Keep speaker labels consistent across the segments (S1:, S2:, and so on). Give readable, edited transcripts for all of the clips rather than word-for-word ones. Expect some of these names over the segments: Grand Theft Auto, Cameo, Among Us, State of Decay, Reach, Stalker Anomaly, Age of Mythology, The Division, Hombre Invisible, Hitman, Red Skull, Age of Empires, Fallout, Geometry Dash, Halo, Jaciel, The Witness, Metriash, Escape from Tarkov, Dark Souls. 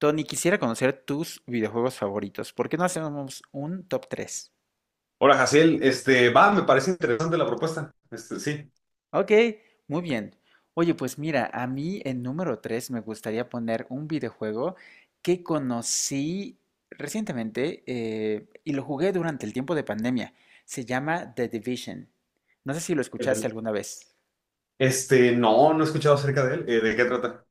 S1: Tony, quisiera conocer tus videojuegos favoritos. ¿Por qué no hacemos un top 3?
S2: Hola, Jaciel. Me parece interesante la propuesta. Este, sí.
S1: Ok, muy bien. Oye, pues mira, a mí en número 3 me gustaría poner un videojuego que conocí recientemente y lo jugué durante el tiempo de pandemia. Se llama The Division. No sé si lo escuchaste
S2: El-
S1: alguna vez.
S2: No, no he escuchado acerca de él. ¿De qué trata?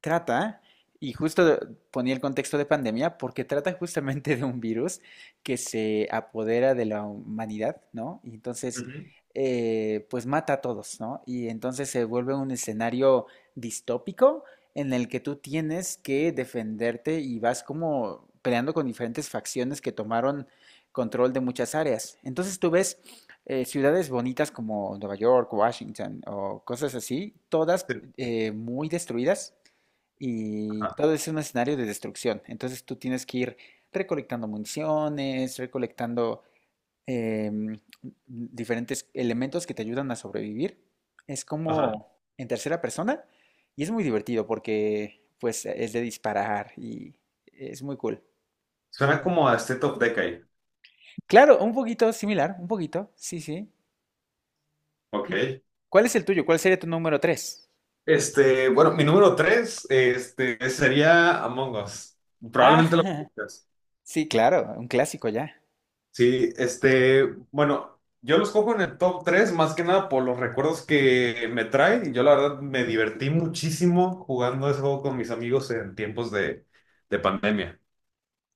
S1: Trata, y justo ponía el contexto de pandemia, porque trata justamente de un virus que se apodera de la humanidad, ¿no? Y entonces,
S2: Ujú.
S1: eh, pues mata a todos, ¿no? Y entonces se vuelve un escenario distópico en el que tú tienes que defenderte y vas como peleando con diferentes facciones que tomaron control de muchas áreas. Entonces tú ves ciudades bonitas como Nueva York, Washington o cosas así, todas
S2: Sí.
S1: eh, muy destruidas y
S2: Ajá.
S1: todo es un escenario de destrucción. Entonces tú tienes que ir recolectando municiones, recolectando em, diferentes elementos que te ayudan a sobrevivir. Es
S2: Ajá.
S1: como en tercera persona y es muy divertido porque pues es de disparar y es muy cool.
S2: Suena como a State of Decay.
S1: Claro, un poquito similar, un poquito, sí, sí.
S2: Ok.
S1: ¿Qué- ¿Cuál es el tuyo? ¿Cuál sería tu número tres?
S2: Bueno, mi número tres, sería Among Us.
S1: Ah,
S2: Probablemente lo conozcas.
S1: sí, claro, un clásico ya.
S2: Sí, bueno, yo los cojo en el top tres más que nada por los recuerdos que me trae. Yo la verdad me divertí muchísimo jugando ese juego con mis amigos en tiempos de pandemia.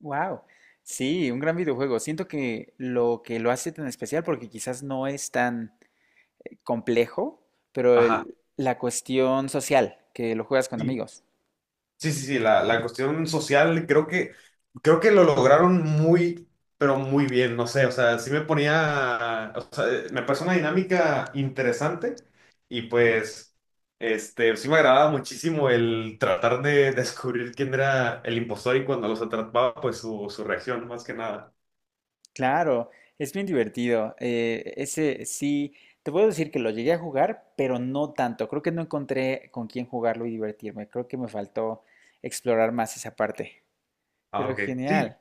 S1: Wow. Sí, un gran videojuego. Siento que lo hace tan especial, porque quizás no es tan complejo, pero
S2: Ajá.
S1: la cuestión social, que lo juegas con
S2: Sí,
S1: amigos.
S2: sí, sí, sí, la cuestión social creo que lo lograron pero muy bien, no sé, o sea, sí me ponía, o sea, me pareció una dinámica interesante y pues, sí me agradaba muchísimo el tratar de descubrir quién era el impostor y cuando los atrapaba, pues su reacción, más que nada.
S1: Claro, es bien divertido. Ese sí, te puedo decir que lo llegué a jugar, pero no tanto. Creo que no encontré con quién jugarlo y divertirme. Creo que me faltó explorar más esa parte.
S2: Ah,
S1: Pero
S2: ok. Sí,
S1: genial.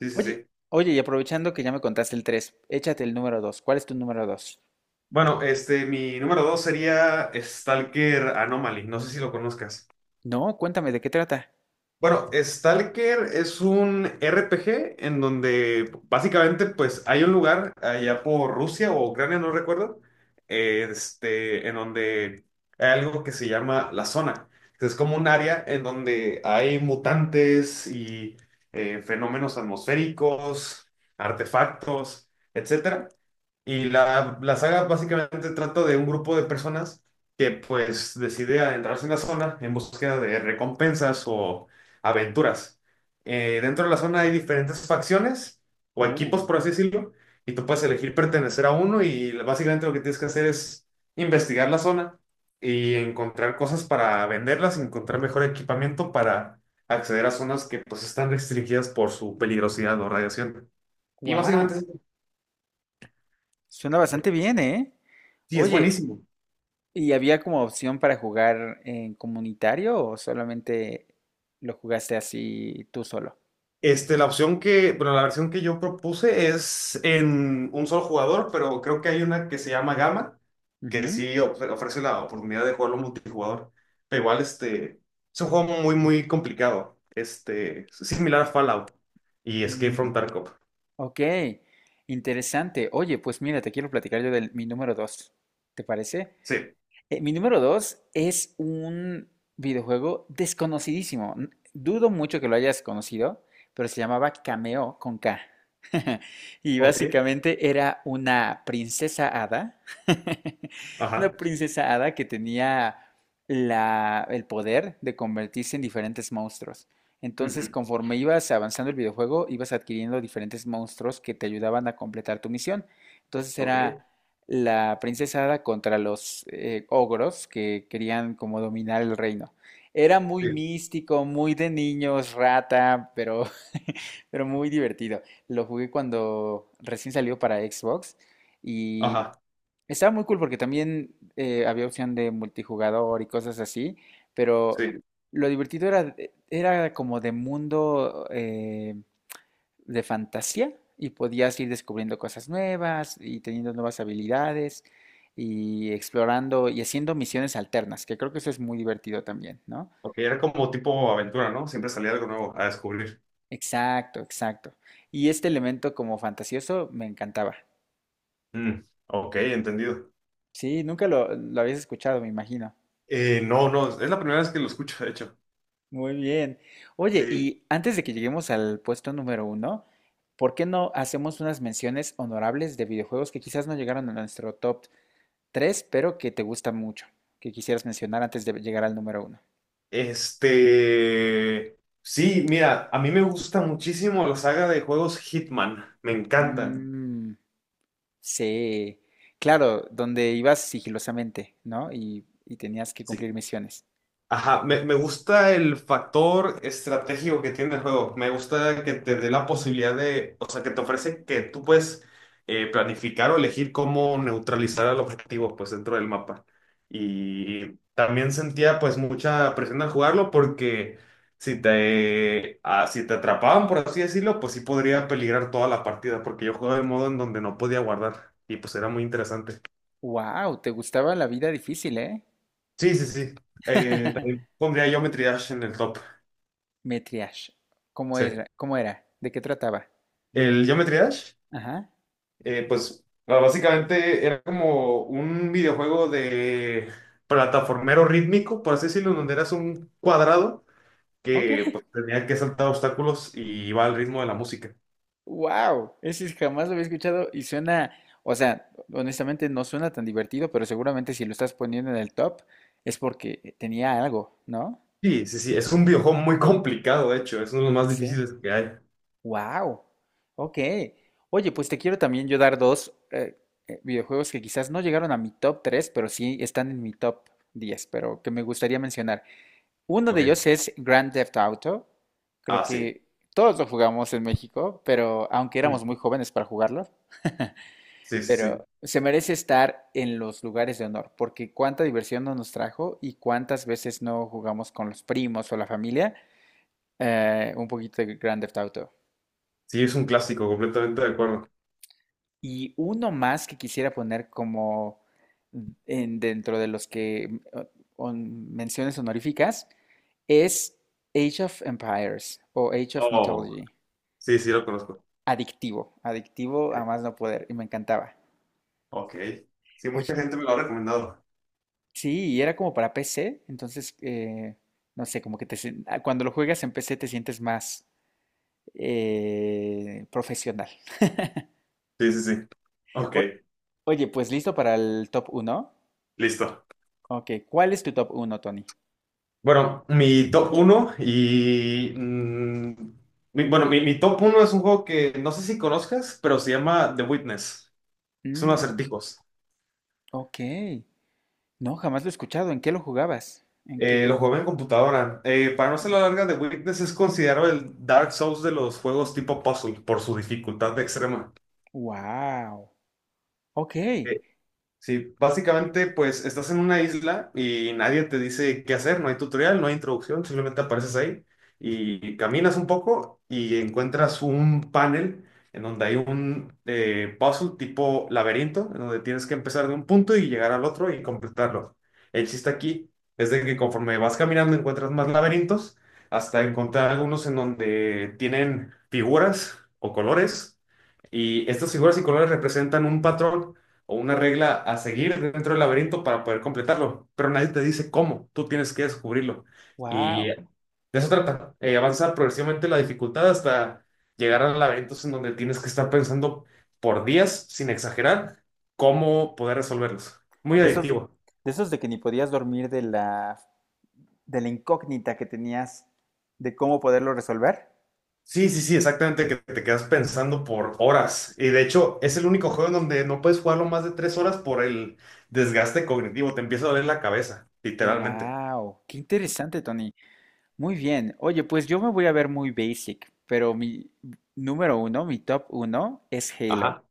S2: sí, sí,
S1: Oye,
S2: sí.
S1: oye, y aprovechando que ya me contaste el 3, échate el número 2. ¿Cuál es tu número 2?
S2: Bueno, mi número dos sería Stalker Anomaly, no sé si lo conozcas.
S1: No, cuéntame, ¿de qué trata?
S2: Bueno, Stalker es un RPG en donde básicamente pues hay un lugar allá por Rusia o Ucrania, no recuerdo, en donde hay algo que se llama la zona. Es como un área en donde hay mutantes y fenómenos atmosféricos, artefactos, etcétera. Y la saga básicamente trata de un grupo de personas que pues decide adentrarse en la zona en búsqueda de recompensas o aventuras. Dentro de la zona hay diferentes facciones o equipos,
S1: Uh,
S2: por así decirlo, y tú puedes elegir pertenecer a uno y básicamente lo que tienes que hacer es investigar la zona y encontrar cosas para venderlas, encontrar mejor equipamiento para acceder a zonas que pues están restringidas por su peligrosidad o radiación. Y
S1: wow.
S2: básicamente
S1: Suena bastante bien, ¿eh?
S2: sí, es
S1: Oye,
S2: buenísimo.
S1: ¿y había como opción para jugar en comunitario o solamente lo jugaste así tú solo?
S2: La opción que, bueno, la versión que yo propuse es en un solo jugador, pero creo que hay una que se llama gamma que
S1: Ujú.
S2: ofrece la oportunidad de jugarlo multijugador. Pero igual, es un juego muy, muy complicado. Este, similar a Fallout y Escape
S1: Mm,
S2: from Tarkov.
S1: ok, interesante. Oye, pues mira, te quiero platicar yo de mi número dos. ¿Te parece?
S2: Sí.
S1: Mi número dos es un videojuego desconocidísimo. Dudo mucho que lo hayas conocido, pero se llamaba Cameo con K. Y
S2: Ok,
S1: básicamente era una princesa hada, una
S2: ajá.
S1: princesa hada que tenía el poder de convertirse en diferentes monstruos. Entonces,
S2: Ujú.
S1: conforme ibas avanzando el videojuego, ibas adquiriendo diferentes monstruos que te ayudaban a completar tu misión. Entonces era
S2: Ok.
S1: la princesa Hada contra los ogros que querían como dominar el reino. Era muy
S2: Sí.
S1: místico, muy de niños, rata, pero, pero muy divertido. Lo jugué cuando recién salió para Xbox y
S2: Ajá.
S1: estaba muy cool porque también había opción de multijugador y cosas así, pero
S2: Sí.
S1: lo divertido era era como de mundo... de fantasía y podías ir descubriendo cosas nuevas y teniendo nuevas habilidades y explorando y haciendo misiones alternas, que creo que eso es muy divertido también, ¿no?
S2: Ok, era como tipo aventura, ¿no? Siempre salía algo nuevo a descubrir.
S1: Exacto, exacto. Y este elemento como fantasioso me encantaba.
S2: Mm, ok, entendido.
S1: Sí, nunca lo habías escuchado, me imagino.
S2: No, no, es la primera vez que lo escucho, de hecho.
S1: Muy bien. Oye,
S2: Sí.
S1: y antes de que lleguemos al puesto número uno, ¿por qué no hacemos unas menciones honorables de videojuegos que quizás no llegaron a nuestro top tres, pero que te gusta mucho, que quisieras mencionar antes de llegar al número uno.
S2: Este, sí, mira, a mí me gusta muchísimo la saga de juegos Hitman, me encantan.
S1: Mm, sí, claro, donde ibas sigilosamente, ¿no? Y tenías que cumplir
S2: Sí.
S1: misiones.
S2: Ajá, me gusta el factor estratégico que tiene el juego. Me gusta que te dé la posibilidad de, o sea, que te ofrece que tú puedes planificar o elegir cómo neutralizar al objetivo, pues, dentro del mapa. Y también sentía, pues, mucha presión al jugarlo porque si te atrapaban, por así decirlo, pues sí podría peligrar toda la partida porque yo jugaba de modo en donde no podía guardar y pues era muy interesante.
S1: Wow, te gustaba la vida difícil, ¿eh?
S2: Sí, sí, sí. También pondría yo Dash en el top.
S1: Metriash, ¿cómo
S2: Sí.
S1: era? ¿Cómo era? ¿De qué trataba?
S2: El Geometry Dash,
S1: Ajá,
S2: básicamente era como un videojuego de plataformero rítmico, por así decirlo, donde eras un cuadrado
S1: ok.
S2: que pues, tenía que saltar obstáculos y iba al ritmo de la música.
S1: Wow, ese jamás lo había escuchado y suena, o sea, honestamente no suena tan divertido, pero seguramente si lo estás poniendo en el top es porque tenía algo, ¿no?
S2: Sí, sí, sí, es un videojuego muy complicado, de hecho, es uno de los más difíciles que hay.
S1: Wow, ok. Oye, pues te quiero también yo dar dos videojuegos que quizás no llegaron a mi top 3, pero sí están en mi top 10, pero que me gustaría mencionar. Uno de
S2: Ok,
S1: ellos es Grand Theft Auto. Creo
S2: ah, sí.
S1: que todos lo jugamos en México, pero aunque éramos
S2: Mm.
S1: muy jóvenes para jugarlo,
S2: Sí, sí, sí.
S1: pero se merece estar en los lugares de honor, porque cuánta diversión no nos trajo y cuántas veces no jugamos con los primos o la familia un poquito de Grand Theft Auto.
S2: Sí, es un clásico, completamente de acuerdo.
S1: Y uno más que quisiera poner como dentro de los que menciones honoríficas es Age of Empires o Age of
S2: Oh.
S1: Mythology.
S2: Sí, sí, lo conozco.
S1: Adictivo, adictivo a
S2: Ok.
S1: más no poder y me encantaba.
S2: Ok. Sí,
S1: Oye,
S2: mucha gente me lo ha recomendado.
S1: sí, y era como para PC, entonces no sé, como que cuando lo juegas en PC te sientes más profesional.
S2: Sí, sí, sí. Ok,
S1: O- Oye, pues listo para el top uno.
S2: listo.
S1: Ok, ¿cuál es tu top uno, Tony?
S2: Bueno, mi top uno y... mm, mi- bueno, mi top uno es un juego que no sé si conozcas, pero se llama The Witness. Son acertijos.
S1: Ok. No, jamás lo he escuchado. ¿En qué lo jugabas? ¿En qué
S2: Lo
S1: con...
S2: juego en computadora. Para no ser la larga, The Witness es considerado el Dark Souls de los juegos tipo puzzle por su dificultad extrema.
S1: Wow. Ok.
S2: Sí, básicamente, pues estás en una isla y nadie te dice qué hacer, no hay tutorial, no hay introducción, simplemente apareces ahí y caminas un poco y encuentras un panel en donde hay un puzzle tipo laberinto, en donde tienes que empezar de un punto y llegar al otro y completarlo. El chiste aquí es de que conforme vas caminando encuentras más laberintos hasta encontrar algunos en donde tienen figuras o colores. Y estas figuras y colores representan un patrón o una regla a seguir dentro del laberinto para poder completarlo, pero nadie te dice cómo, tú tienes que descubrirlo. Y
S1: Wow.
S2: de eso trata, avanza progresivamente la dificultad hasta llegar a laberintos en donde tienes que estar pensando por días, sin exagerar, cómo poder resolverlos. Muy
S1: De esos,
S2: adictivo.
S1: de esos de que ni podías dormir de la incógnita que tenías de cómo poderlo resolver.
S2: Sí, sí, sí, exactamente, que te quedas pensando por horas. Y de hecho, es el único juego en donde no puedes jugarlo más de tres horas por el desgaste cognitivo. Te empieza a doler la cabeza, literalmente.
S1: Wow, qué interesante, Tony. Muy bien. Oye, pues yo me voy a ver muy basic, pero mi número uno, mi top uno es Halo.
S2: Ajá.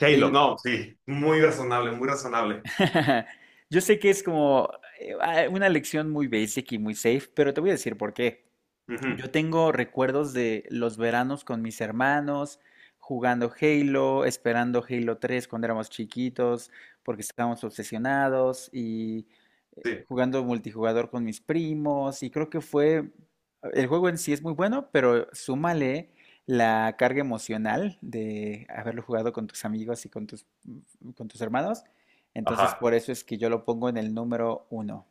S2: Halo,
S1: Halo.
S2: no, sí, muy razonable, muy razonable.
S1: Yo sé que es como una lección muy basic y muy safe, pero te voy a decir por qué.
S2: Ujú,
S1: Yo tengo recuerdos de los veranos con mis hermanos, jugando Halo, esperando Halo 3 cuando éramos chiquitos, porque estábamos obsesionados, y
S2: sí,
S1: jugando multijugador con mis primos, y creo que fue, el juego en sí es muy bueno, pero súmale la carga emocional de haberlo jugado con tus amigos y con tus, mm, con tus hermanos, entonces
S2: ajá.
S1: por eso es que yo lo pongo en el número uno.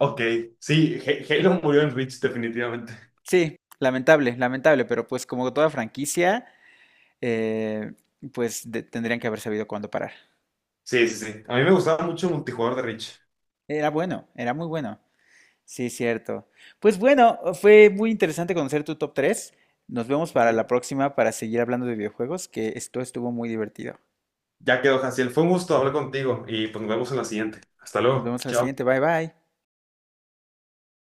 S2: Ok, sí, Halo murió en Reach, definitivamente.
S1: Sí, lamentable, lamentable, pero pues como toda franquicia... eh, tendrían que haber sabido cuándo parar.
S2: Sí, sí, sí. A mí me gustaba mucho el multijugador de Reach.
S1: Era bueno, era muy bueno. Sí, cierto. Pues bueno, fue muy interesante conocer tu top tres. Nos vemos para la
S2: Ujú.
S1: próxima para seguir hablando de videojuegos, que esto estuvo muy divertido.
S2: Ya quedó, Jaciel. Fue un gusto hablar contigo y pues nos vemos en la siguiente. Hasta
S1: Nos
S2: luego.
S1: vemos a la
S2: Chao.
S1: siguiente. Bye bye.